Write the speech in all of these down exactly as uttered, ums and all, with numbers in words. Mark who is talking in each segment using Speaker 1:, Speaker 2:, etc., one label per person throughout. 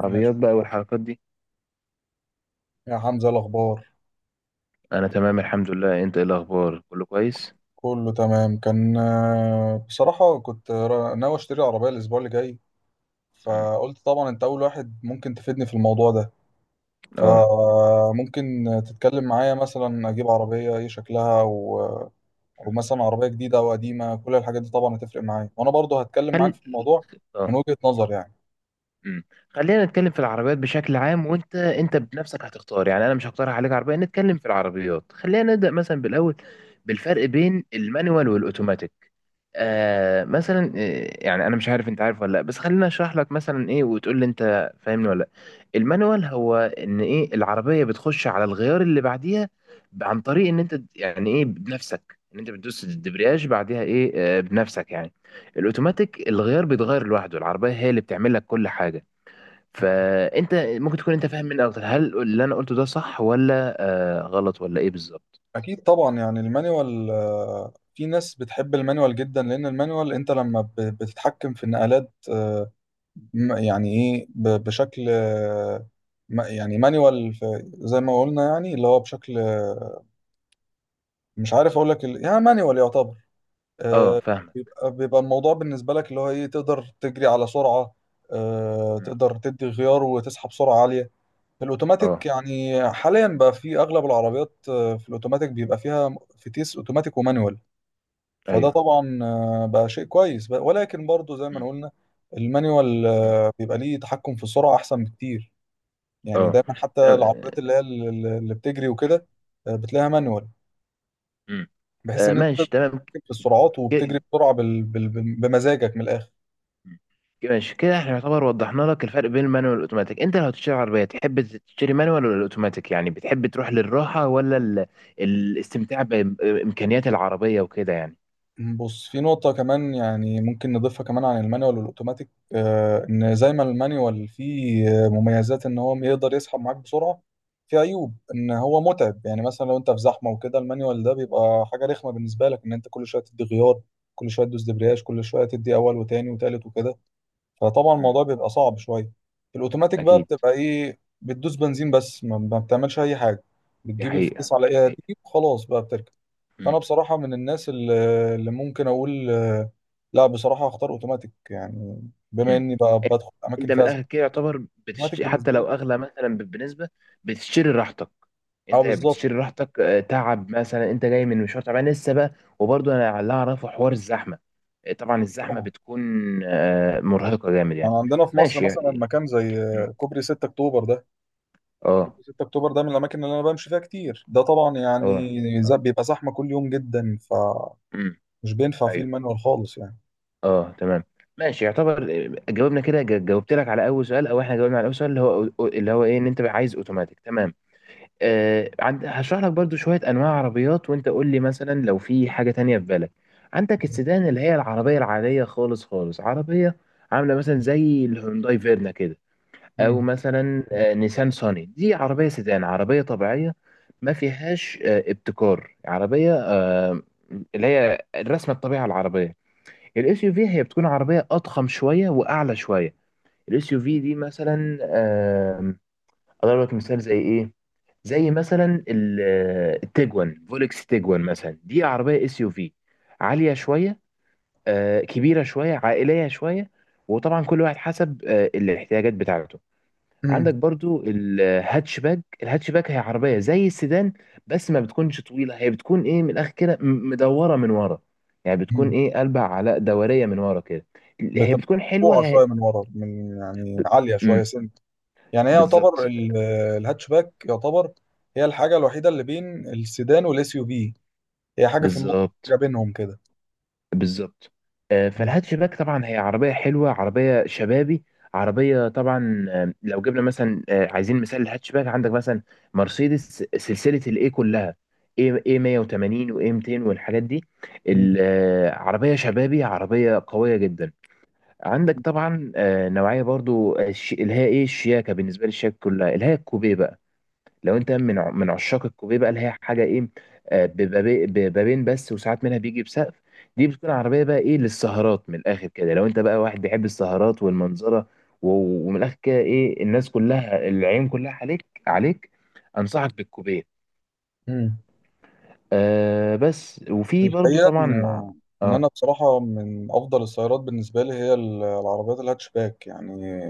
Speaker 1: ماشي.
Speaker 2: عربيات بقى والحركات دي.
Speaker 1: يا حمزة، إيه الأخبار؟
Speaker 2: انا تمام الحمد لله، انت ايه الاخبار؟ كله كويس؟
Speaker 1: كله تمام. كان آه، بصراحة كنت را- ناوي أشتري عربية الأسبوع اللي جاي.
Speaker 2: مم.
Speaker 1: فقلت طبعا أنت أول واحد ممكن تفيدني في الموضوع ده.
Speaker 2: اه.
Speaker 1: فممكن تتكلم معايا، مثلا أجيب عربية إيه شكلها و... أو مثلا عربية جديدة أو قديمة، كل الحاجات دي طبعا هتفرق معايا، وأنا برضو هتكلم
Speaker 2: خل
Speaker 1: معاك في الموضوع
Speaker 2: اه.
Speaker 1: من وجهة نظر يعني.
Speaker 2: مم. خلينا نتكلم في العربيات بشكل عام، وانت انت بنفسك هتختار، يعني انا مش هقترح عليك عربيه. نتكلم في العربيات، خلينا نبدا مثلا بالاول بالفرق بين المانيوال والاوتوماتيك. آه مثلا، آه، يعني انا مش عارف انت عارف ولا لا، بس خليني اشرح لك مثلا ايه وتقول لي انت فاهمني ولا لا. المانوال هو ان ايه العربيه بتخش على الغيار اللي بعديها ب- عن طريق ان انت يعني ايه بنفسك، ان انت بتدوس الدبرياج بعديها ايه آه بنفسك يعني. الاوتوماتيك الغيار بيتغير لوحده، العربيه هي اللي بتعمل لك كل حاجه.
Speaker 1: مم.
Speaker 2: فانت ممكن تكون انت فاهم مني اكتر، هل اللي انا قلته ده صح ولا آه غلط ولا ايه بالظبط؟
Speaker 1: أكيد طبعا، يعني المانيوال، آه، في ناس بتحب المانيوال جدا، لأن المانيوال أنت لما ب- بتتحكم في النقلات آه، م- يعني ايه ب- بشكل آه، م- يعني مانيوال، زي ما قلنا، يعني اللي هو بشكل آه، مش عارف اقول لك ال- يعني مانيوال يعتبر
Speaker 2: اه
Speaker 1: آه،
Speaker 2: فاهمك.
Speaker 1: بيبقى بيبقى الموضوع بالنسبه لك اللي هو ايه، تقدر تجري على سرعه، آه،
Speaker 2: مم.
Speaker 1: تقدر تدي غيار وتسحب سرعه عاليه. في
Speaker 2: اه.
Speaker 1: الاوتوماتيك، يعني حاليا بقى في اغلب العربيات، آه، في الاوتوماتيك بيبقى فيها م- فتيس اوتوماتيك ومانيوال. فده
Speaker 2: ايوه.
Speaker 1: طبعا آه، بقى شيء كويس بقى- ولكن برضو زي ما
Speaker 2: مم.
Speaker 1: قلنا، المانيوال
Speaker 2: مم.
Speaker 1: آه، بيبقى ليه تحكم في السرعه احسن بكتير. يعني
Speaker 2: اه.
Speaker 1: دايما حتى العربيات
Speaker 2: تمام.
Speaker 1: اللي هي ال- اللي بتجري وكده، آه، بتلاقيها مانوال،
Speaker 2: مم.
Speaker 1: بحيث
Speaker 2: آه
Speaker 1: ان انت تقدر
Speaker 2: ماشي تمام.
Speaker 1: تتحكم في السرعات، وبتجري
Speaker 2: ك-
Speaker 1: بسرعه بال... بال... بال- بمزاجك من الاخر.
Speaker 2: مم. ماشي كده احنا يعتبر وضحنا لك الفرق بين المانوال والاوتوماتيك. انت لو هتشتري عربيه تحب تشتري مانوال ولا الاوتوماتيك؟ يعني بتحب تروح للراحه ولا ال... الاستمتاع بامكانيات العربيه وكده يعني.
Speaker 1: بص، في نقطه كمان يعني ممكن نضيفها كمان عن المانيوال والاوتوماتيك، آه، ان
Speaker 2: مم.
Speaker 1: زي ما المانيوال فيه آه، مميزات، ان هو يقدر يسحب معاك بسرعه، في عيوب ان هو متعب. يعني مثلا لو انت في زحمه وكده، المانيوال ده بيبقى حاجه رخمه بالنسبه لك، ان انت كل شويه تدي غيار، كل شويه تدوس دبرياج، كل شويه تدي اول وتاني وتالت وكده. فطبعا
Speaker 2: مم.
Speaker 1: الموضوع بيبقى صعب شويه. الاوتوماتيك بقى
Speaker 2: اكيد.
Speaker 1: بتبقى ايه؟ بتدوس بنزين بس، ما ما بتعملش اي حاجه،
Speaker 2: دي
Speaker 1: بتجيب
Speaker 2: حقيقه
Speaker 1: الفتيس على
Speaker 2: دي
Speaker 1: ايدها
Speaker 2: حقيقه.
Speaker 1: دي وخلاص بقى بتركب. فانا بصراحه من الناس اللي اللي ممكن اقول آه، لا، بصراحه هختار اوتوماتيك يعني، بما
Speaker 2: مم.
Speaker 1: اني بقى بدخل اماكن
Speaker 2: انت من
Speaker 1: فيها زحمه.
Speaker 2: الاخر كده يعتبر
Speaker 1: اوتوماتيك
Speaker 2: بتشتري، حتى
Speaker 1: بالنسبه لي.
Speaker 2: لو اغلى مثلا بنسبه، بتشتري راحتك.
Speaker 1: اه،
Speaker 2: انت
Speaker 1: بالظبط.
Speaker 2: بتشتري راحتك. آه، تعب مثلا، انت جاي من مشوار تعبان لسه بقى. وبرضه انا اللي اعرفه حوار الزحمه. آه، طبعا الزحمه
Speaker 1: طبعا
Speaker 2: بتكون آه، مرهقه جامد
Speaker 1: يعني
Speaker 2: يعني.
Speaker 1: عندنا في مصر
Speaker 2: ماشي
Speaker 1: مثلا
Speaker 2: يعني.
Speaker 1: مكان زي
Speaker 2: مم.
Speaker 1: آه، كوبري ستة اكتوبر ده،
Speaker 2: اه
Speaker 1: كوبري ستة اكتوبر ده من الاماكن اللي انا بمشي فيها كتير، ده طبعا يعني
Speaker 2: اه
Speaker 1: ز-
Speaker 2: اه.
Speaker 1: بيبقى زحمه كل يوم جدا، فمش
Speaker 2: مم.
Speaker 1: بينفع فيه
Speaker 2: ايوه.
Speaker 1: المانيوال خالص يعني.
Speaker 2: اه تمام. ماشي يعتبر. آه، جاوبنا كده جا- جاوبت لك على اول سؤال، او احنا جاوبنا على اول سؤال، اللي هو اللي هو ايه ان انت عايز اوتوماتيك. تمام. آه، عند هشرح لك برضو شوية أنواع عربيات، وأنت قول لي مثلا لو في حاجة تانية في بالك. عندك السيدان، اللي هي العربية العادية خالص خالص، عربية عاملة مثلا زي الهونداي فيرنا كده. أو
Speaker 1: مم.
Speaker 2: مثلا آه، نيسان صاني، دي عربية سيدان عربية طبيعية، ما فيهاش آه، ابتكار عربية، آه، اللي هي الرسمة الطبيعة العربية. الاس يو في هي بتكون عربية أضخم شوية وأعلى شوية. الاس يو في دي مثلا، آم، أضرب لك مثال زي إيه؟ زي مثلا ال- التيجوان، فولكس تيجوان مثلا، دي عربيه اس يو في عاليه شويه، آه، كبيره شويه، عائليه شويه. وطبعا كل واحد حسب آه، الاحتياجات بتاعته.
Speaker 1: مم.
Speaker 2: عندك برضو الهاتشباك. الهاتشباك هي عربيه زي السيدان بس ما بتكونش طويله، هي بتكون ايه من الاخر كده م- مدوره من ورا، يعني بتكون
Speaker 1: مم.
Speaker 2: ايه قلبها على دوريه من ورا كده. هي
Speaker 1: بتبقى
Speaker 2: بتكون حلوه.
Speaker 1: مرفوعة
Speaker 2: هي...
Speaker 1: شوية من ورا، من يعني
Speaker 2: ب...
Speaker 1: عالية شوية
Speaker 2: مم.
Speaker 1: سنت، يعني هي يعتبر
Speaker 2: بالظبط
Speaker 1: ال- الهاتشباك يعتبر هي الحاجة الوحيدة اللي بين السيدان والاس يو في، هي حاجة في النص، حاجة
Speaker 2: بالظبط
Speaker 1: بينهم كده.
Speaker 2: بالظبط. آه،
Speaker 1: مم.
Speaker 2: فالهاتشباك طبعا هي عربية حلوة، عربية شبابي، عربية طبعا. آه، لو جبنا مثلا آه، عايزين مثال الهاتشباك، عندك مثلا مرسيدس سلسلة الاي كلها، اي اي مية وتمانين واي مئتين والحاجات دي.
Speaker 1: مم.
Speaker 2: ال- آه، عربية شبابي، عربية قوية جدا. عندك طبعا آه، نوعية برضو، آه، الش- اللي هي ايه الشياكة، بالنسبة للشياكة كلها اللي هي الكوبيه بقى. لو انت من ع- من عشاق الكوبيه بقى، اللي هي حاجه ايه، آه، بيبقى بي- ببابين بس وساعات منها بيجي بسقف. دي بتكون عربيه بقى ايه للسهرات، من الاخر كده لو انت بقى واحد بيحب السهرات والمنظره، و- ومن الاخر كده ايه الناس كلها، العيون كلها عليك عليك. انصحك بالكوبيه.
Speaker 1: مم.
Speaker 2: آه بس. وفي برضو
Speaker 1: الحقيقة إن
Speaker 2: طبعا.
Speaker 1: إن
Speaker 2: اه.
Speaker 1: أنا بصراحة من أفضل السيارات بالنسبة لي هي ال- العربيات الهاتشباك يعني.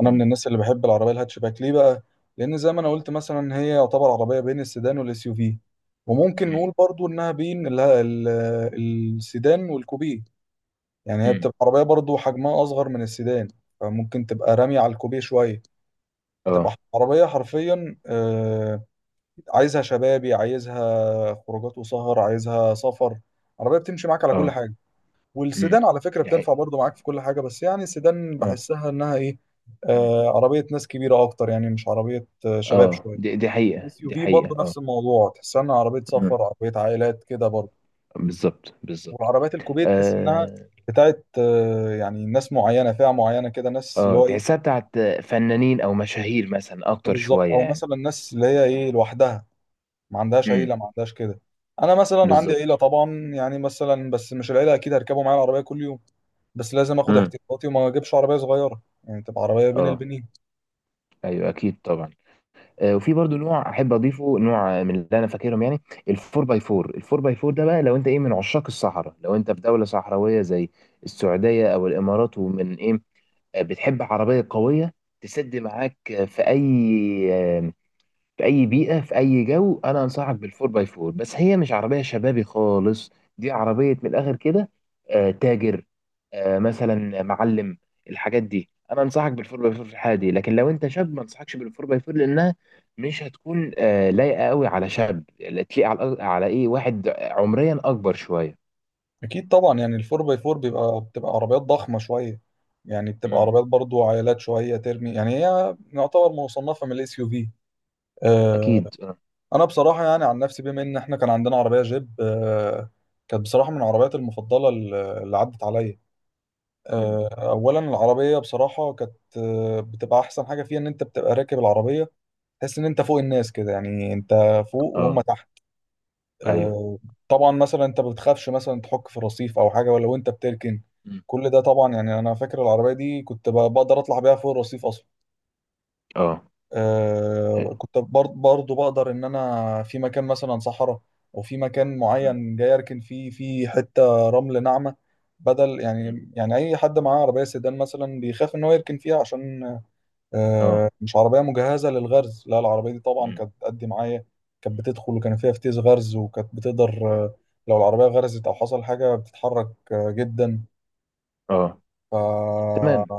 Speaker 1: انا من
Speaker 2: امم
Speaker 1: الناس اللي بحب العربيه الهاتشباك. ليه بقى؟ لان زي ما انا قلت مثلا، هي يعتبر عربيه بين السيدان والاس يو في، وممكن
Speaker 2: امم
Speaker 1: نقول برضو انها بين ال- ال- السيدان والكوبيه. يعني هي
Speaker 2: امم.
Speaker 1: بتبقى عربيه برضو حجمها اصغر من السيدان، فممكن تبقى رامية على الكوبيه شويه. بتبقى
Speaker 2: اه
Speaker 1: عربيه حرفيا آه، عايزها شبابي، عايزها خروجات وسهر، عايزها سفر، عربيه بتمشي معاك على كل
Speaker 2: اه.
Speaker 1: حاجه.
Speaker 2: امم.
Speaker 1: والسيدان، على فكرة،
Speaker 2: دي حقيقة.
Speaker 1: بتنفع برضو معاك في كل حاجة، بس يعني السيدان
Speaker 2: اه.
Speaker 1: بحسها انها ايه،
Speaker 2: امم.
Speaker 1: آه عربية ناس كبيرة اكتر، يعني مش عربية آه شباب
Speaker 2: اه
Speaker 1: شوية.
Speaker 2: دي دي حقيقة
Speaker 1: الاس يو
Speaker 2: دي
Speaker 1: في
Speaker 2: حقيقة.
Speaker 1: برضو
Speaker 2: اه.
Speaker 1: نفس الموضوع، تحسها انها عربية
Speaker 2: امم.
Speaker 1: سفر، عربية عائلات كده برضو.
Speaker 2: بالظبط بالظبط.
Speaker 1: والعربيات الكوبيه تحس انها
Speaker 2: آه.
Speaker 1: بتاعت آه يعني ناس معينة، فئة معينة كده، ناس اللي
Speaker 2: اه
Speaker 1: هو
Speaker 2: تحسها
Speaker 1: ايه.
Speaker 2: بتاعت فنانين او مشاهير مثلا
Speaker 1: آه،
Speaker 2: اكتر
Speaker 1: بالظبط،
Speaker 2: شويه
Speaker 1: او
Speaker 2: يعني.
Speaker 1: مثلا ناس اللي هي ايه لوحدها، ما عندهاش
Speaker 2: امم.
Speaker 1: عيلة، ما عندهاش كده. انا مثلا عندي عيلة
Speaker 2: بالظبط.
Speaker 1: طبعا، يعني مثلا بس مش العيلة اكيد هركبوا معايا العربية كل يوم. بس لازم اخد
Speaker 2: امم.
Speaker 1: احتياطاتي، وما اجيبش عربيه صغيره يعني تبقى عربيه بين
Speaker 2: اه.
Speaker 1: البنين.
Speaker 2: ايوه اكيد طبعا. آه، وفي برضو نوع احب اضيفه نوع من اللي انا فاكرهم يعني. الفور باي فور. الفور باي فور ده بقى لو انت ايه من عشاق الصحراء، لو انت في دوله صحراويه زي السعوديه او الامارات ومن ايه، آه، بتحب عربيه قويه تسد معاك آه، في اي في اي بيئه، في اي جو، انا انصحك بالفور باي فور. بس هي مش عربيه شبابي خالص، دي عربيه من الاخر كده آه تاجر، آه مثلا معلم. الحاجات دي انا انصحك بالفور باي فور في الحاله دي. لكن لو انت شاب، ما انصحكش بالفور باي فور، لانها مش هتكون آه لايقه قوي على شاب، تليق على على ايه واحد عمريا اكبر شويه.
Speaker 1: اكيد طبعا، يعني الفور باي فور بيبقى بتبقى عربيات ضخمه شويه، يعني بتبقى
Speaker 2: مم.
Speaker 1: عربيات برضو عائلات شويه، ترمي يعني هي يعتبر مصنفه من الاس يو في.
Speaker 2: اكيد اه.
Speaker 1: انا بصراحه يعني عن نفسي، بما ان احنا كان عندنا عربيه جيب آه، كانت بصراحه من العربيات المفضله اللي اللي عدت عليا.
Speaker 2: مم.
Speaker 1: آه، اولا العربيه بصراحه كانت آه، بتبقى احسن حاجه فيها ان انت بتبقى راكب العربيه، تحس ان انت فوق الناس كده، يعني انت فوق وهم
Speaker 2: اه.
Speaker 1: تحت.
Speaker 2: ايوه.
Speaker 1: آه، طبعا مثلا انت ما بتخافش مثلا تحك في الرصيف او حاجه ولا، وانت بتركن.
Speaker 2: مم.
Speaker 1: كل ده طبعا يعني، انا فاكر العربيه دي كنت ب- بقدر اطلع بيها فوق الرصيف اصلا.
Speaker 2: اه.
Speaker 1: آه،
Speaker 2: مم.
Speaker 1: كنت برض- برضو بقدر ان انا في مكان مثلا صحراء، او في مكان
Speaker 2: مم.
Speaker 1: معين جاي اركن فيه في حته رمل ناعمه، بدل يعني يعني اي حد معاه عربيه سيدان مثلا بيخاف ان هو يركن فيها عشان
Speaker 2: اه.
Speaker 1: آه، مش عربية مجهزة للغرز. لا، العربية دي طبعا
Speaker 2: مم.
Speaker 1: كانت بتأدي معايا، كانت
Speaker 2: مم.
Speaker 1: بتدخل، وكان فيها فتيس غرز، وكانت بتقدر آه، لو العربية غرزت أو حصل حاجة بتتحرك آه، جدا.
Speaker 2: اه
Speaker 1: ف
Speaker 2: تمام.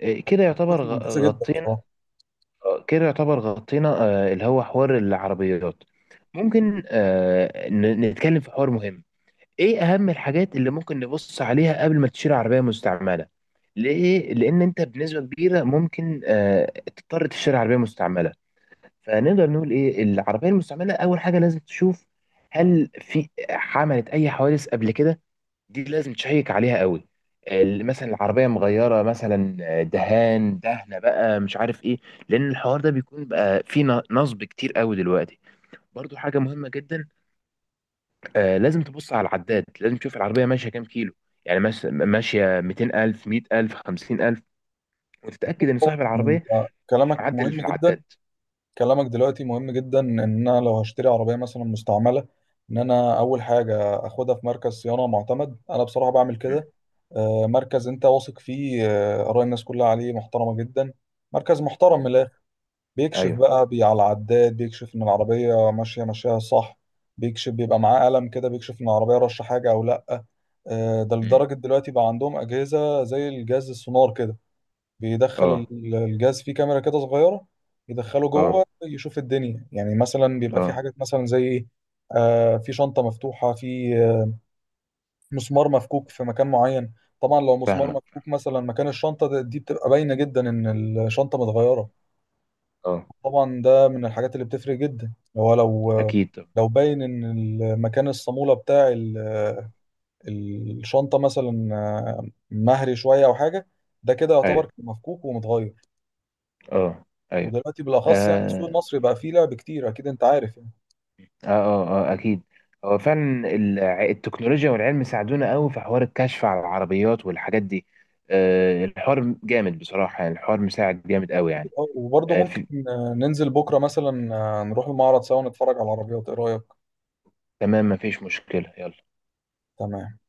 Speaker 2: إيه كده يعتبر
Speaker 1: كانت ممتازة
Speaker 2: غ-
Speaker 1: جدا بصراحة.
Speaker 2: غطينا، آه، كده يعتبر غطينا آه، اللي هو حوار العربيات. ممكن آه، ن- نتكلم في حوار مهم. ايه اهم الحاجات اللي ممكن نبص عليها قبل ما تشتري عربية مستعملة؟ ليه؟ لان انت بنسبة كبيرة ممكن آه، تضطر تشتري عربية مستعملة. فنقدر نقول ايه العربية المستعملة؟ اول حاجة لازم تشوف هل في عملت اي حوادث قبل كده. دي لازم تشيك عليها قوي. ال- مثلا العربيه مغيره مثلا آه، دهان، دهنه بقى مش عارف ايه، لان الحوار ده بيكون بقى فيه ن- نصب كتير قوي دلوقتي. برضو حاجه مهمه جدا، آه لازم تبص على العداد، لازم تشوف العربيه ماشيه كام كيلو. يعني ماش- ماشيه مئتين ألف مية ألف خمسين ألف،
Speaker 1: أكيد
Speaker 2: وتتاكد ان
Speaker 1: طبعا،
Speaker 2: صاحب
Speaker 1: أنت
Speaker 2: العربيه مش
Speaker 1: كلامك
Speaker 2: معدل
Speaker 1: مهم
Speaker 2: في
Speaker 1: جدا.
Speaker 2: العداد.
Speaker 1: كلامك دلوقتي مهم جدا، إن أنا لو هشتري عربية مثلا مستعملة، إن أنا أول حاجة أخدها في مركز صيانة معتمد. أنا بصراحة بعمل
Speaker 2: مم.
Speaker 1: كده، آه، مركز أنت واثق فيه، آه، آراء الناس كلها عليه محترمة جدا، مركز
Speaker 2: مم.
Speaker 1: محترم، بيكشف
Speaker 2: ايوه.
Speaker 1: بقى بي على العداد، بيكشف ان العربية ماشية ماشية صح، بيكشف بيبقى معاه قلم كده بيكشف ان العربية رشة حاجة او لا. آه، ده
Speaker 2: مم.
Speaker 1: لدرجة دلوقتي بقى عندهم أجهزة زي الجهاز السونار كده، بيدخل
Speaker 2: اه
Speaker 1: ال- الجهاز فيه كاميرا كده صغيرة، يدخله
Speaker 2: اه
Speaker 1: جوه يشوف الدنيا. يعني مثلا بيبقى في
Speaker 2: اه.
Speaker 1: حاجات مثلا زي ايه، آه، في شنطة مفتوحة، في آه، مسمار مفكوك في مكان معين. طبعا لو مسمار
Speaker 2: فاهمه.
Speaker 1: مفكوك مثلا مكان الشنطة ده- دي بتبقى باينة جدا إن الشنطة متغيرة.
Speaker 2: اه.
Speaker 1: طبعا ده من الحاجات اللي بتفرق جدا. هو لو
Speaker 2: اكيد طبعا.
Speaker 1: لو باين ان المكان الصامولة بتاع ال- الشنطة مثلا آه، مهري شوية او حاجة، ده كده
Speaker 2: ايوه.
Speaker 1: يعتبر مفكوك ومتغير.
Speaker 2: اه. ايوه.
Speaker 1: ودلوقتي بالاخص يعني السوق
Speaker 2: آه.
Speaker 1: المصري بقى فيه لعب كتير، اكيد انت عارف يعني.
Speaker 2: اه اه اه اكيد. هو فعلا الع- التكنولوجيا والعلم ساعدونا قوي في حوار الكشف على العربيات والحاجات دي. آه الحوار جامد بصراحة، يعني الحوار مساعد جامد قوي
Speaker 1: أكيد،
Speaker 2: يعني.
Speaker 1: آه، وبرضه
Speaker 2: آه
Speaker 1: ممكن
Speaker 2: في...
Speaker 1: آه، ننزل بكرة مثلا، آه، نروح المعرض سوا نتفرج على العربيات. ايه رأيك؟
Speaker 2: تمام مفيش مشكلة، يلا.
Speaker 1: تمام.